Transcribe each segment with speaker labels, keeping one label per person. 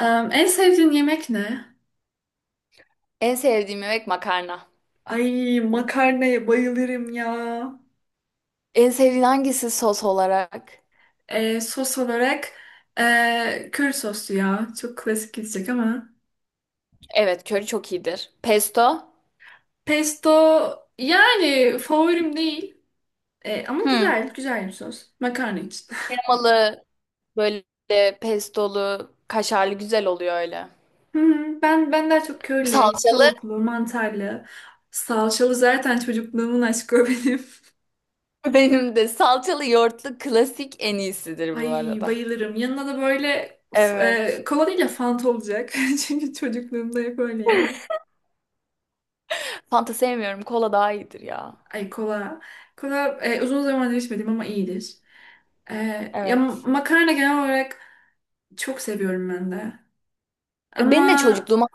Speaker 1: En sevdiğin yemek ne?
Speaker 2: En sevdiğim yemek makarna.
Speaker 1: Ay makarnaya bayılırım ya.
Speaker 2: En sevdiğin hangisi sos olarak?
Speaker 1: Sos olarak köri soslu ya. Çok klasik gidecek ama.
Speaker 2: Evet, köri çok iyidir. Pesto?
Speaker 1: Pesto yani favorim değil. Ama
Speaker 2: Hmm.
Speaker 1: güzel, güzel bir sos. Makarna için.
Speaker 2: Kremalı, böyle pestolu, kaşarlı güzel oluyor öyle.
Speaker 1: Hmm, ben daha çok körili,
Speaker 2: Salçalı.
Speaker 1: tavuklu, mantarlı, salçalı zaten çocukluğumun aşkı o benim.
Speaker 2: Benim de salçalı yoğurtlu klasik en iyisidir bu
Speaker 1: Ay
Speaker 2: arada.
Speaker 1: bayılırım. Yanına da böyle
Speaker 2: Evet.
Speaker 1: kola değil de Fanta olacak. Çünkü çocukluğumda hep öyleydi.
Speaker 2: Fanta sevmiyorum. Kola daha iyidir ya.
Speaker 1: Ay kola. Kola, uzun zamandır içmedim ama iyidir. E, Ya
Speaker 2: Evet.
Speaker 1: makarna genel olarak çok seviyorum ben de.
Speaker 2: Beni de
Speaker 1: Ama
Speaker 2: çocukluğuma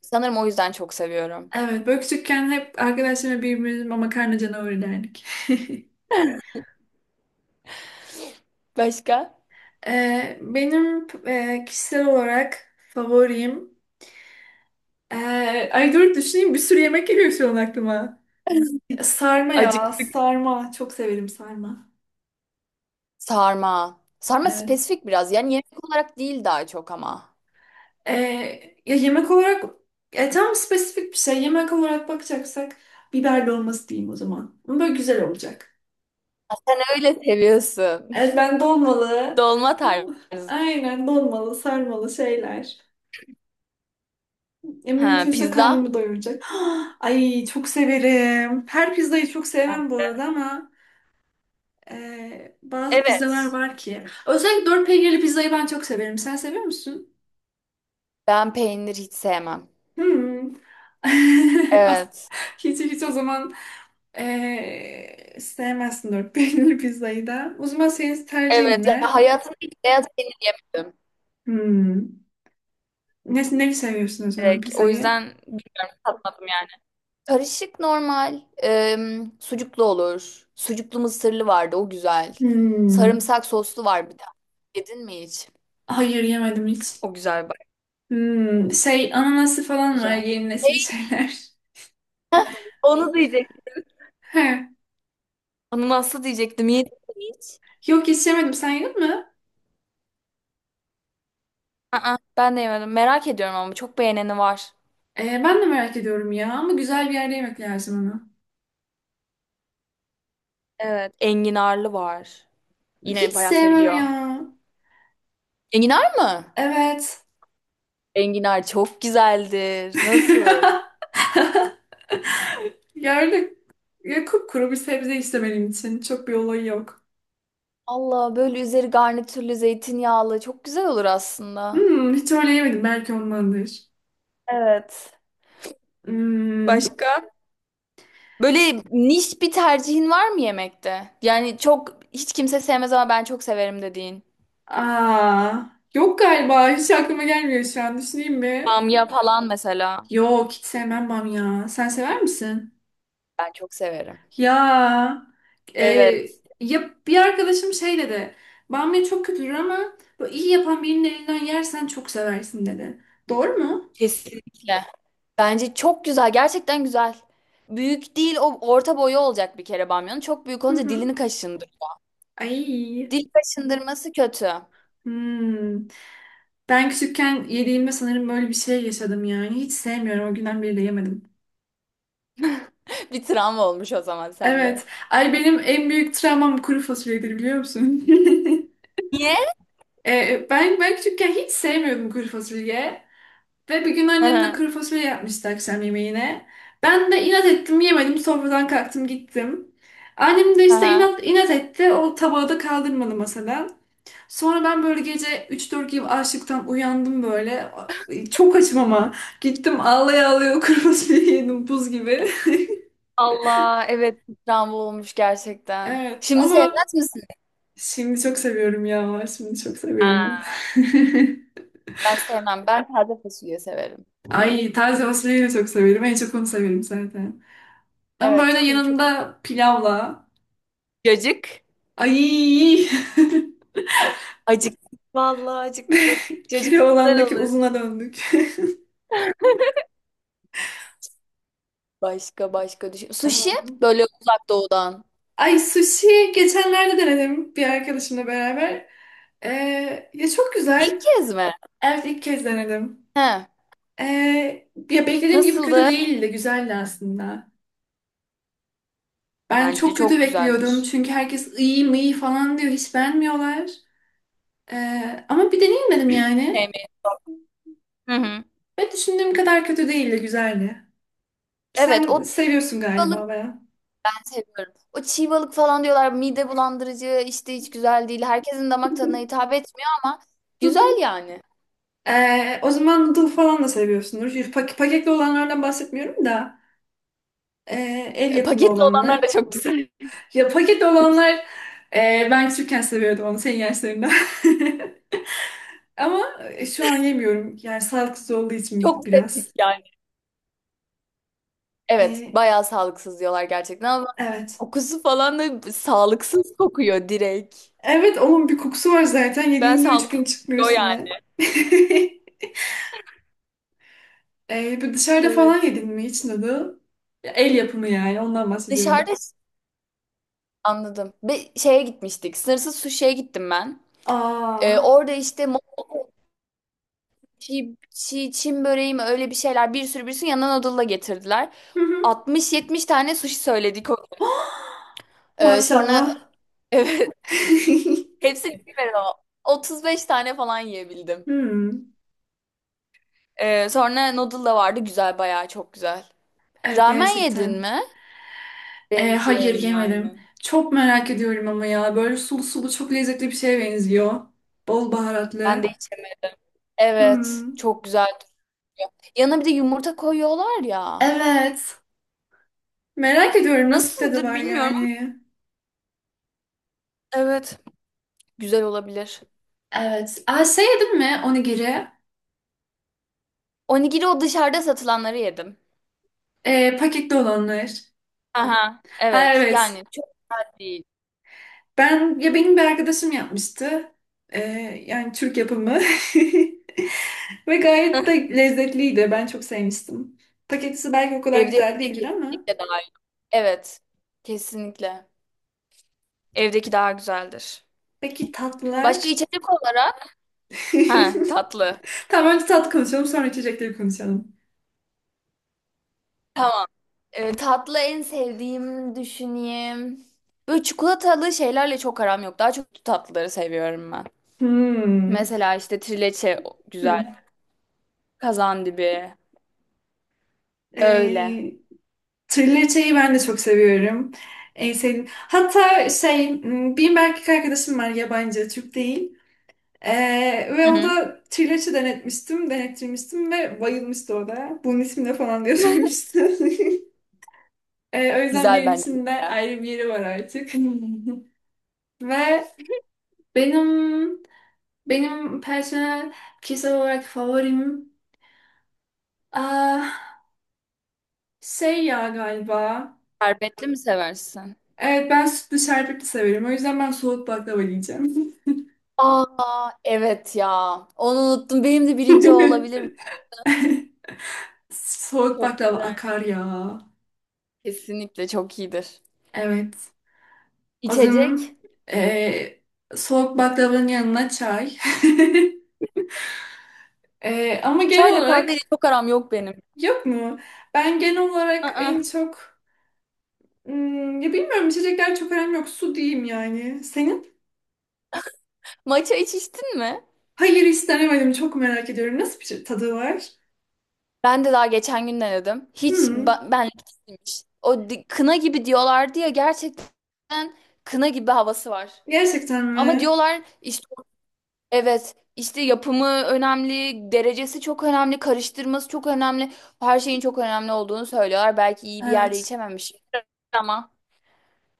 Speaker 2: sanırım o yüzden çok seviyorum.
Speaker 1: evet, böyle küçükken hep arkadaşlarımla birbirimize makarna canavarı derdik.
Speaker 2: Başka?
Speaker 1: Benim kişisel olarak favorim. e, Ay dur düşüneyim, bir sürü yemek geliyor şu an aklıma. Sarma ya,
Speaker 2: Acıktık.
Speaker 1: sarma. Çok severim sarma.
Speaker 2: Sarma. Sarma
Speaker 1: Evet.
Speaker 2: spesifik biraz. Yani yemek olarak değil daha çok ama.
Speaker 1: Ee, Ya yemek olarak tam spesifik bir şey. Yemek olarak bakacaksak biber dolması diyeyim o zaman. Ama böyle güzel olacak.
Speaker 2: Sen öyle seviyorsun.
Speaker 1: Evet, ben dolmalı.
Speaker 2: Dolma
Speaker 1: uh,
Speaker 2: tarzı.
Speaker 1: Aynen, dolmalı, sarmalı şeyler.
Speaker 2: Ha,
Speaker 1: Mümkünse
Speaker 2: pizza.
Speaker 1: karnımı doyuracak. Ay çok severim. Her pizzayı çok
Speaker 2: Ben
Speaker 1: sevmem bu
Speaker 2: de.
Speaker 1: arada, ama bazı pizzalar
Speaker 2: Evet.
Speaker 1: var ki. Özellikle dört peynirli pizzayı ben çok severim. Sen seviyor musun?
Speaker 2: Ben peynir hiç sevmem.
Speaker 1: Hmm. As-
Speaker 2: Evet.
Speaker 1: Hiç hiç, o zaman sevmezsin dört peynirli pizzayı da. O zaman senin tercihin
Speaker 2: Evet. Ya
Speaker 1: ne?
Speaker 2: hayatımda hiç beyaz peynir yemedim.
Speaker 1: Hmm. Ne, neyi seviyorsun o zaman
Speaker 2: Direkt. O
Speaker 1: pizzayı?
Speaker 2: yüzden bilmiyorum, tatmadım yani. Karışık normal. Sucuklu olur. Sucuklu mısırlı vardı, o güzel.
Speaker 1: Hmm.
Speaker 2: Sarımsak soslu var bir de. Yedin mi hiç?
Speaker 1: Hayır, yemedim hiç.
Speaker 2: O güzel bak.
Speaker 1: Hmm. Şey, ananası falan var,
Speaker 2: Güzel.
Speaker 1: yeni nesil şeyler.
Speaker 2: Onu diyecektim.
Speaker 1: He.
Speaker 2: Onu nasıl diyecektim? Yedim.
Speaker 1: Yok, hiç yemedim. Sen yedin mi?
Speaker 2: Aa, ben de yemedim. Merak ediyorum ama çok beğeneni var.
Speaker 1: Ben de merak ediyorum ya, ama güzel bir yerde yemek lazım onu.
Speaker 2: Evet. Enginarlı var.
Speaker 1: Hiç
Speaker 2: Yine bayağı
Speaker 1: sevmem
Speaker 2: seviliyor.
Speaker 1: ya.
Speaker 2: Enginar mı?
Speaker 1: Evet.
Speaker 2: Enginar çok güzeldir. Nasıl?
Speaker 1: Gördük. Ya kupkuru bir sebze işte benim için. Çok bir olayı yok.
Speaker 2: Allah, böyle üzeri garnitürlü zeytinyağlı çok güzel olur aslında.
Speaker 1: Hmm, hiç öyle yemedim. Belki ondandır.
Speaker 2: Evet.
Speaker 1: Hmm,
Speaker 2: Başka? Böyle niş bir tercihin var mı yemekte? Yani çok hiç kimse sevmez ama ben çok severim dediğin.
Speaker 1: aa, yok galiba. Hiç aklıma gelmiyor şu an. Düşüneyim mi?
Speaker 2: Bamya falan mesela.
Speaker 1: Yok, hiç sevmem bamya. Sen sever misin?
Speaker 2: Ben çok severim.
Speaker 1: Ya, e,
Speaker 2: Evet.
Speaker 1: ya bir arkadaşım şey dedi. Bamya çok kötüdür ama böyle iyi yapan birinin elinden yersen çok seversin dedi. Doğru mu?
Speaker 2: Kesinlikle. Bence çok güzel. Gerçekten güzel. Büyük değil, o orta boyu olacak bir kere bamyanın. Çok büyük
Speaker 1: Hı
Speaker 2: olunca
Speaker 1: hı.
Speaker 2: dilini kaşındır.
Speaker 1: Ay.
Speaker 2: Dil kaşındırması kötü.
Speaker 1: Hmm. Ben küçükken yediğimde sanırım böyle bir şey yaşadım yani. Hiç sevmiyorum. O günden beri de yemedim.
Speaker 2: Bir travma olmuş o zaman sende.
Speaker 1: Evet. Ay benim en büyük travmam kuru fasulyedir, biliyor musun?
Speaker 2: Niye?
Speaker 1: Ben küçükken hiç sevmiyordum kuru fasulye. Ve bir gün
Speaker 2: Hı
Speaker 1: annem de
Speaker 2: hı.
Speaker 1: kuru fasulye yapmıştı akşam yemeğine. Ben de inat ettim, yemedim. Sofradan kalktım gittim. Annem de
Speaker 2: Hı
Speaker 1: işte
Speaker 2: hı.
Speaker 1: inat etti. O tabağı da kaldırmadı masadan. Sonra ben böyle gece 3-4 gibi açlıktan uyandım böyle. Çok açım ama. Gittim ağlaya ağlaya o kırmızı biberi yedim buz gibi.
Speaker 2: Allah, evet. Bir travma olmuş gerçekten.
Speaker 1: Evet
Speaker 2: Şimdi
Speaker 1: ama
Speaker 2: sevmez misin?
Speaker 1: şimdi çok seviyorum ya. Şimdi çok seviyorum onu.
Speaker 2: Ha. Ben sevmem. Ben taze fasulye severim.
Speaker 1: Ay, taze fasulyeyi de çok severim. En çok onu severim zaten. Ama
Speaker 2: Evet,
Speaker 1: böyle
Speaker 2: kuru çok.
Speaker 1: yanında pilavla.
Speaker 2: Cacık.
Speaker 1: Ay
Speaker 2: Acık. Vallahi acıktık. Cacık güzel
Speaker 1: Keloğlan'daki
Speaker 2: olur.
Speaker 1: uzuna döndük.
Speaker 2: Başka başka düşün. Sushi,
Speaker 1: Um,
Speaker 2: böyle uzak doğudan.
Speaker 1: Ay sushi geçenlerde denedim bir arkadaşımla beraber. Ya çok
Speaker 2: İlk
Speaker 1: güzel.
Speaker 2: kez mi?
Speaker 1: Evet, ilk kez denedim.
Speaker 2: He.
Speaker 1: Ee, Ya beklediğim gibi kötü
Speaker 2: Nasıldı?
Speaker 1: değildi. Güzeldi aslında. Ben
Speaker 2: Bence
Speaker 1: çok kötü
Speaker 2: çok
Speaker 1: bekliyordum.
Speaker 2: güzeldir.
Speaker 1: Çünkü herkes iyi mi iyi falan diyor. Hiç beğenmiyorlar. Ama bir deneyim yani.
Speaker 2: Sevmeyi. Hı hı.
Speaker 1: Ve düşündüğüm kadar kötü değildi. Güzeldi.
Speaker 2: Evet,
Speaker 1: Sen
Speaker 2: o çiğ
Speaker 1: seviyorsun
Speaker 2: balık
Speaker 1: galiba baya.
Speaker 2: ben seviyorum. O çiğ balık falan diyorlar mide bulandırıcı işte, hiç güzel değil. Herkesin damak tadına hitap etmiyor ama güzel yani.
Speaker 1: O zaman noodle falan da seviyorsundur. Paketli olanlardan bahsetmiyorum da. El yapımı
Speaker 2: Paketli olanlar da
Speaker 1: olanlar.
Speaker 2: çok güzel.
Speaker 1: Ya paket olanlar, ben küçükken seviyordum onu senin yaşlarında. Ama şu an yemiyorum. Yani sağlıksız olduğu için
Speaker 2: Çok pratik
Speaker 1: biraz.
Speaker 2: yani. Evet,
Speaker 1: E,
Speaker 2: bayağı sağlıksız diyorlar gerçekten ama
Speaker 1: evet.
Speaker 2: kokusu falan da sağlıksız kokuyor direkt.
Speaker 1: Evet, onun bir kokusu var zaten.
Speaker 2: Ben
Speaker 1: Yediğinde üç
Speaker 2: sağlıksız.
Speaker 1: gün çıkmıyor
Speaker 2: O yani.
Speaker 1: üstüne. Bu dışarıda falan
Speaker 2: Evet.
Speaker 1: yedin mi hiç dadı? Ya, el yapımı yani, ondan bahsediyorum.
Speaker 2: Dışarıda, anladım. Bir şeye gitmiştik. Sınırsız suşiye gittim ben.
Speaker 1: Aa.
Speaker 2: Orada işte Çin böreği mi, öyle bir şeyler, bir sürü bir sürü yanına noodle'la getirdiler.
Speaker 1: Hı hı.
Speaker 2: 60-70 tane sushi söyledik. O- Sonra
Speaker 1: Maşallah.
Speaker 2: evet hepsini yemedim ama 35 tane falan yiyebildim.
Speaker 1: Hmm.
Speaker 2: Sonra noodle da vardı, güzel, bayağı çok güzel.
Speaker 1: Evet,
Speaker 2: Ramen yedin
Speaker 1: gerçekten.
Speaker 2: mi? Benziyor
Speaker 1: Hayır,
Speaker 2: yine aynı.
Speaker 1: yemedim. Çok merak ediyorum ama ya. Böyle sulu sulu çok lezzetli bir şeye benziyor. Bol
Speaker 2: Ben de
Speaker 1: baharatlı.
Speaker 2: içerim. Evet,
Speaker 1: Hmm.
Speaker 2: çok güzel. Yanına bir de yumurta koyuyorlar ya.
Speaker 1: Evet. Merak ediyorum nasıl bir tadı
Speaker 2: Nasıldır
Speaker 1: var
Speaker 2: bilmiyorum ama
Speaker 1: yani.
Speaker 2: evet, güzel olabilir.
Speaker 1: Evet. Aa, şey yedin mi, onigiri?
Speaker 2: Onigiri, o dışarıda satılanları yedim.
Speaker 1: Paketli olanlar.
Speaker 2: Aha,
Speaker 1: Ha,
Speaker 2: evet.
Speaker 1: evet.
Speaker 2: Yani çok güzel değil.
Speaker 1: Benim bir arkadaşım yapmıştı. E, Yani Türk yapımı. Ve gayet de lezzetliydi. Ben çok sevmiştim. Paketisi belki o kadar
Speaker 2: Evde
Speaker 1: güzel
Speaker 2: yapınca
Speaker 1: değildir ama.
Speaker 2: kesinlikle daha iyi. Evet. Kesinlikle. Evdeki daha güzeldir.
Speaker 1: Peki
Speaker 2: Başka
Speaker 1: tatlılar?
Speaker 2: içecek olarak? Ha, tatlı.
Speaker 1: Tamam, önce tatlı konuşalım, sonra içecekleri konuşalım.
Speaker 2: Tamam. Tatlı en sevdiğim, düşüneyim. Böyle çikolatalı şeylerle çok aram yok. Daha çok tatlıları seviyorum ben.
Speaker 1: Hmm.
Speaker 2: Mesela işte trileçe o- güzel.
Speaker 1: Hmm.
Speaker 2: Kazandibi. Öyle.
Speaker 1: Ee, Thriller şeyi ben de çok seviyorum. En sevdiğim. Hatta şey, hmm, benim bir erkek arkadaşım var yabancı, Türk değil.
Speaker 2: Hı
Speaker 1: Ve o
Speaker 2: hı.
Speaker 1: da Triller'i denettirmiştim ve bayılmıştı o da. Bunun ismi ne falan diye sormuştu. O yüzden
Speaker 2: Güzel
Speaker 1: benim
Speaker 2: bence.
Speaker 1: için de ayrı bir yeri var artık. Ve benim benim personel kişisel olarak favorim. Aa, şey ya galiba.
Speaker 2: Şerbetli mi seversin?
Speaker 1: Evet, ben sütlü şerbetli severim. O yüzden ben soğuk baklava diyeceğim.
Speaker 2: Aa, evet ya. Onu unuttum. Benim de birinci o olabilir.
Speaker 1: Soğuk
Speaker 2: Çok
Speaker 1: baklava
Speaker 2: güzel.
Speaker 1: akar ya.
Speaker 2: Kesinlikle çok iyidir.
Speaker 1: Evet. O
Speaker 2: İçecek.
Speaker 1: zaman eee, soğuk baklavanın yanına çay. Ama genel
Speaker 2: Çayla
Speaker 1: olarak
Speaker 2: kahveyle çok aram yok benim.
Speaker 1: yok mu? Ben genel olarak
Speaker 2: Aa,
Speaker 1: en çok hmm, ya bilmiyorum, içecekler çok önemli yok. Su diyeyim yani. Senin?
Speaker 2: matcha hiç içtin mi?
Speaker 1: Hayır, hiç denemedim. Çok merak ediyorum. Nasıl bir şey, tadı var?
Speaker 2: Ben de daha geçen gün denedim. Hiç
Speaker 1: Hmm,
Speaker 2: benlik değilmiş. Kına gibi diyorlardı ya, gerçekten kına gibi havası var.
Speaker 1: gerçekten
Speaker 2: Ama
Speaker 1: mi?
Speaker 2: diyorlar işte. Evet, işte yapımı önemli, derecesi çok önemli, karıştırması çok önemli. Her şeyin çok önemli olduğunu söylüyorlar. Belki iyi bir yerde
Speaker 1: Evet.
Speaker 2: içememiş ama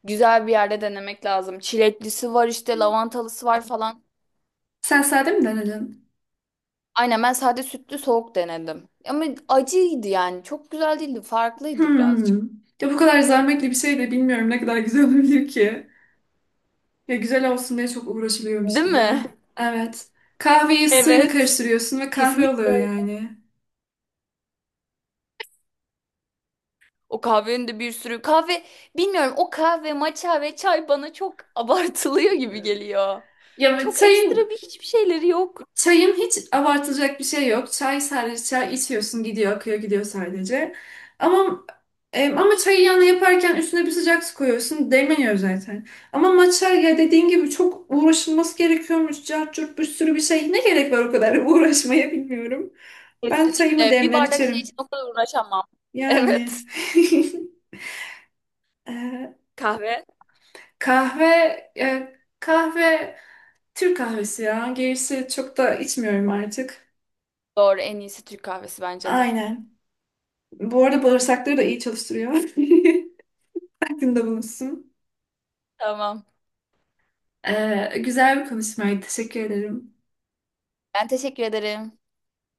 Speaker 2: güzel bir yerde denemek lazım. Çileklisi var işte, lavantalısı var falan.
Speaker 1: Sen sade mi denedin?
Speaker 2: Aynen, ben sade sütlü soğuk denedim. Ama acıydı yani. Çok güzel değildi, farklıydı birazcık.
Speaker 1: Hmm. Ya bu kadar zahmetli bir şey de bilmiyorum ne kadar güzel olabilir ki. Ya güzel olsun diye çok uğraşılıyormuş
Speaker 2: Değil
Speaker 1: gibi.
Speaker 2: mi?
Speaker 1: Evet. Kahveyi suyla
Speaker 2: Evet.
Speaker 1: karıştırıyorsun ve kahve oluyor
Speaker 2: Kesinlikle.
Speaker 1: yani.
Speaker 2: O kahvenin de bir sürü kahve, bilmiyorum, o kahve matcha ve çay bana çok abartılıyor gibi geliyor.
Speaker 1: Ya
Speaker 2: Çok
Speaker 1: çayın
Speaker 2: ekstra bir hiçbir şeyleri yok.
Speaker 1: Çayım hiç abartılacak bir şey yok. Çay, sadece çay içiyorsun, gidiyor, akıyor gidiyor sadece. Ama ama çayı yanına yaparken üstüne bir sıcak su koyuyorsun, değmeniyor zaten. Ama matcha ya, dediğin gibi çok uğraşılması gerekiyormuş. Cart curt bir sürü bir şey. Ne gerek var o kadar uğraşmaya, bilmiyorum. Ben çayımı
Speaker 2: Kesinlikle bir
Speaker 1: demler
Speaker 2: bardak şey için
Speaker 1: içerim.
Speaker 2: o kadar uğraşamam.
Speaker 1: Yani.
Speaker 2: Evet,
Speaker 1: Ee,
Speaker 2: kahve,
Speaker 1: kahve kahve, Türk kahvesi ya. Gerisi çok da içmiyorum artık.
Speaker 2: doğru, en iyisi Türk kahvesi bence de.
Speaker 1: Aynen. Bu arada bağırsakları da iyi çalıştırıyor. Aklında bulunsun.
Speaker 2: Tamam,
Speaker 1: Güzel bir konuşmaydı. Teşekkür ederim.
Speaker 2: ben teşekkür ederim.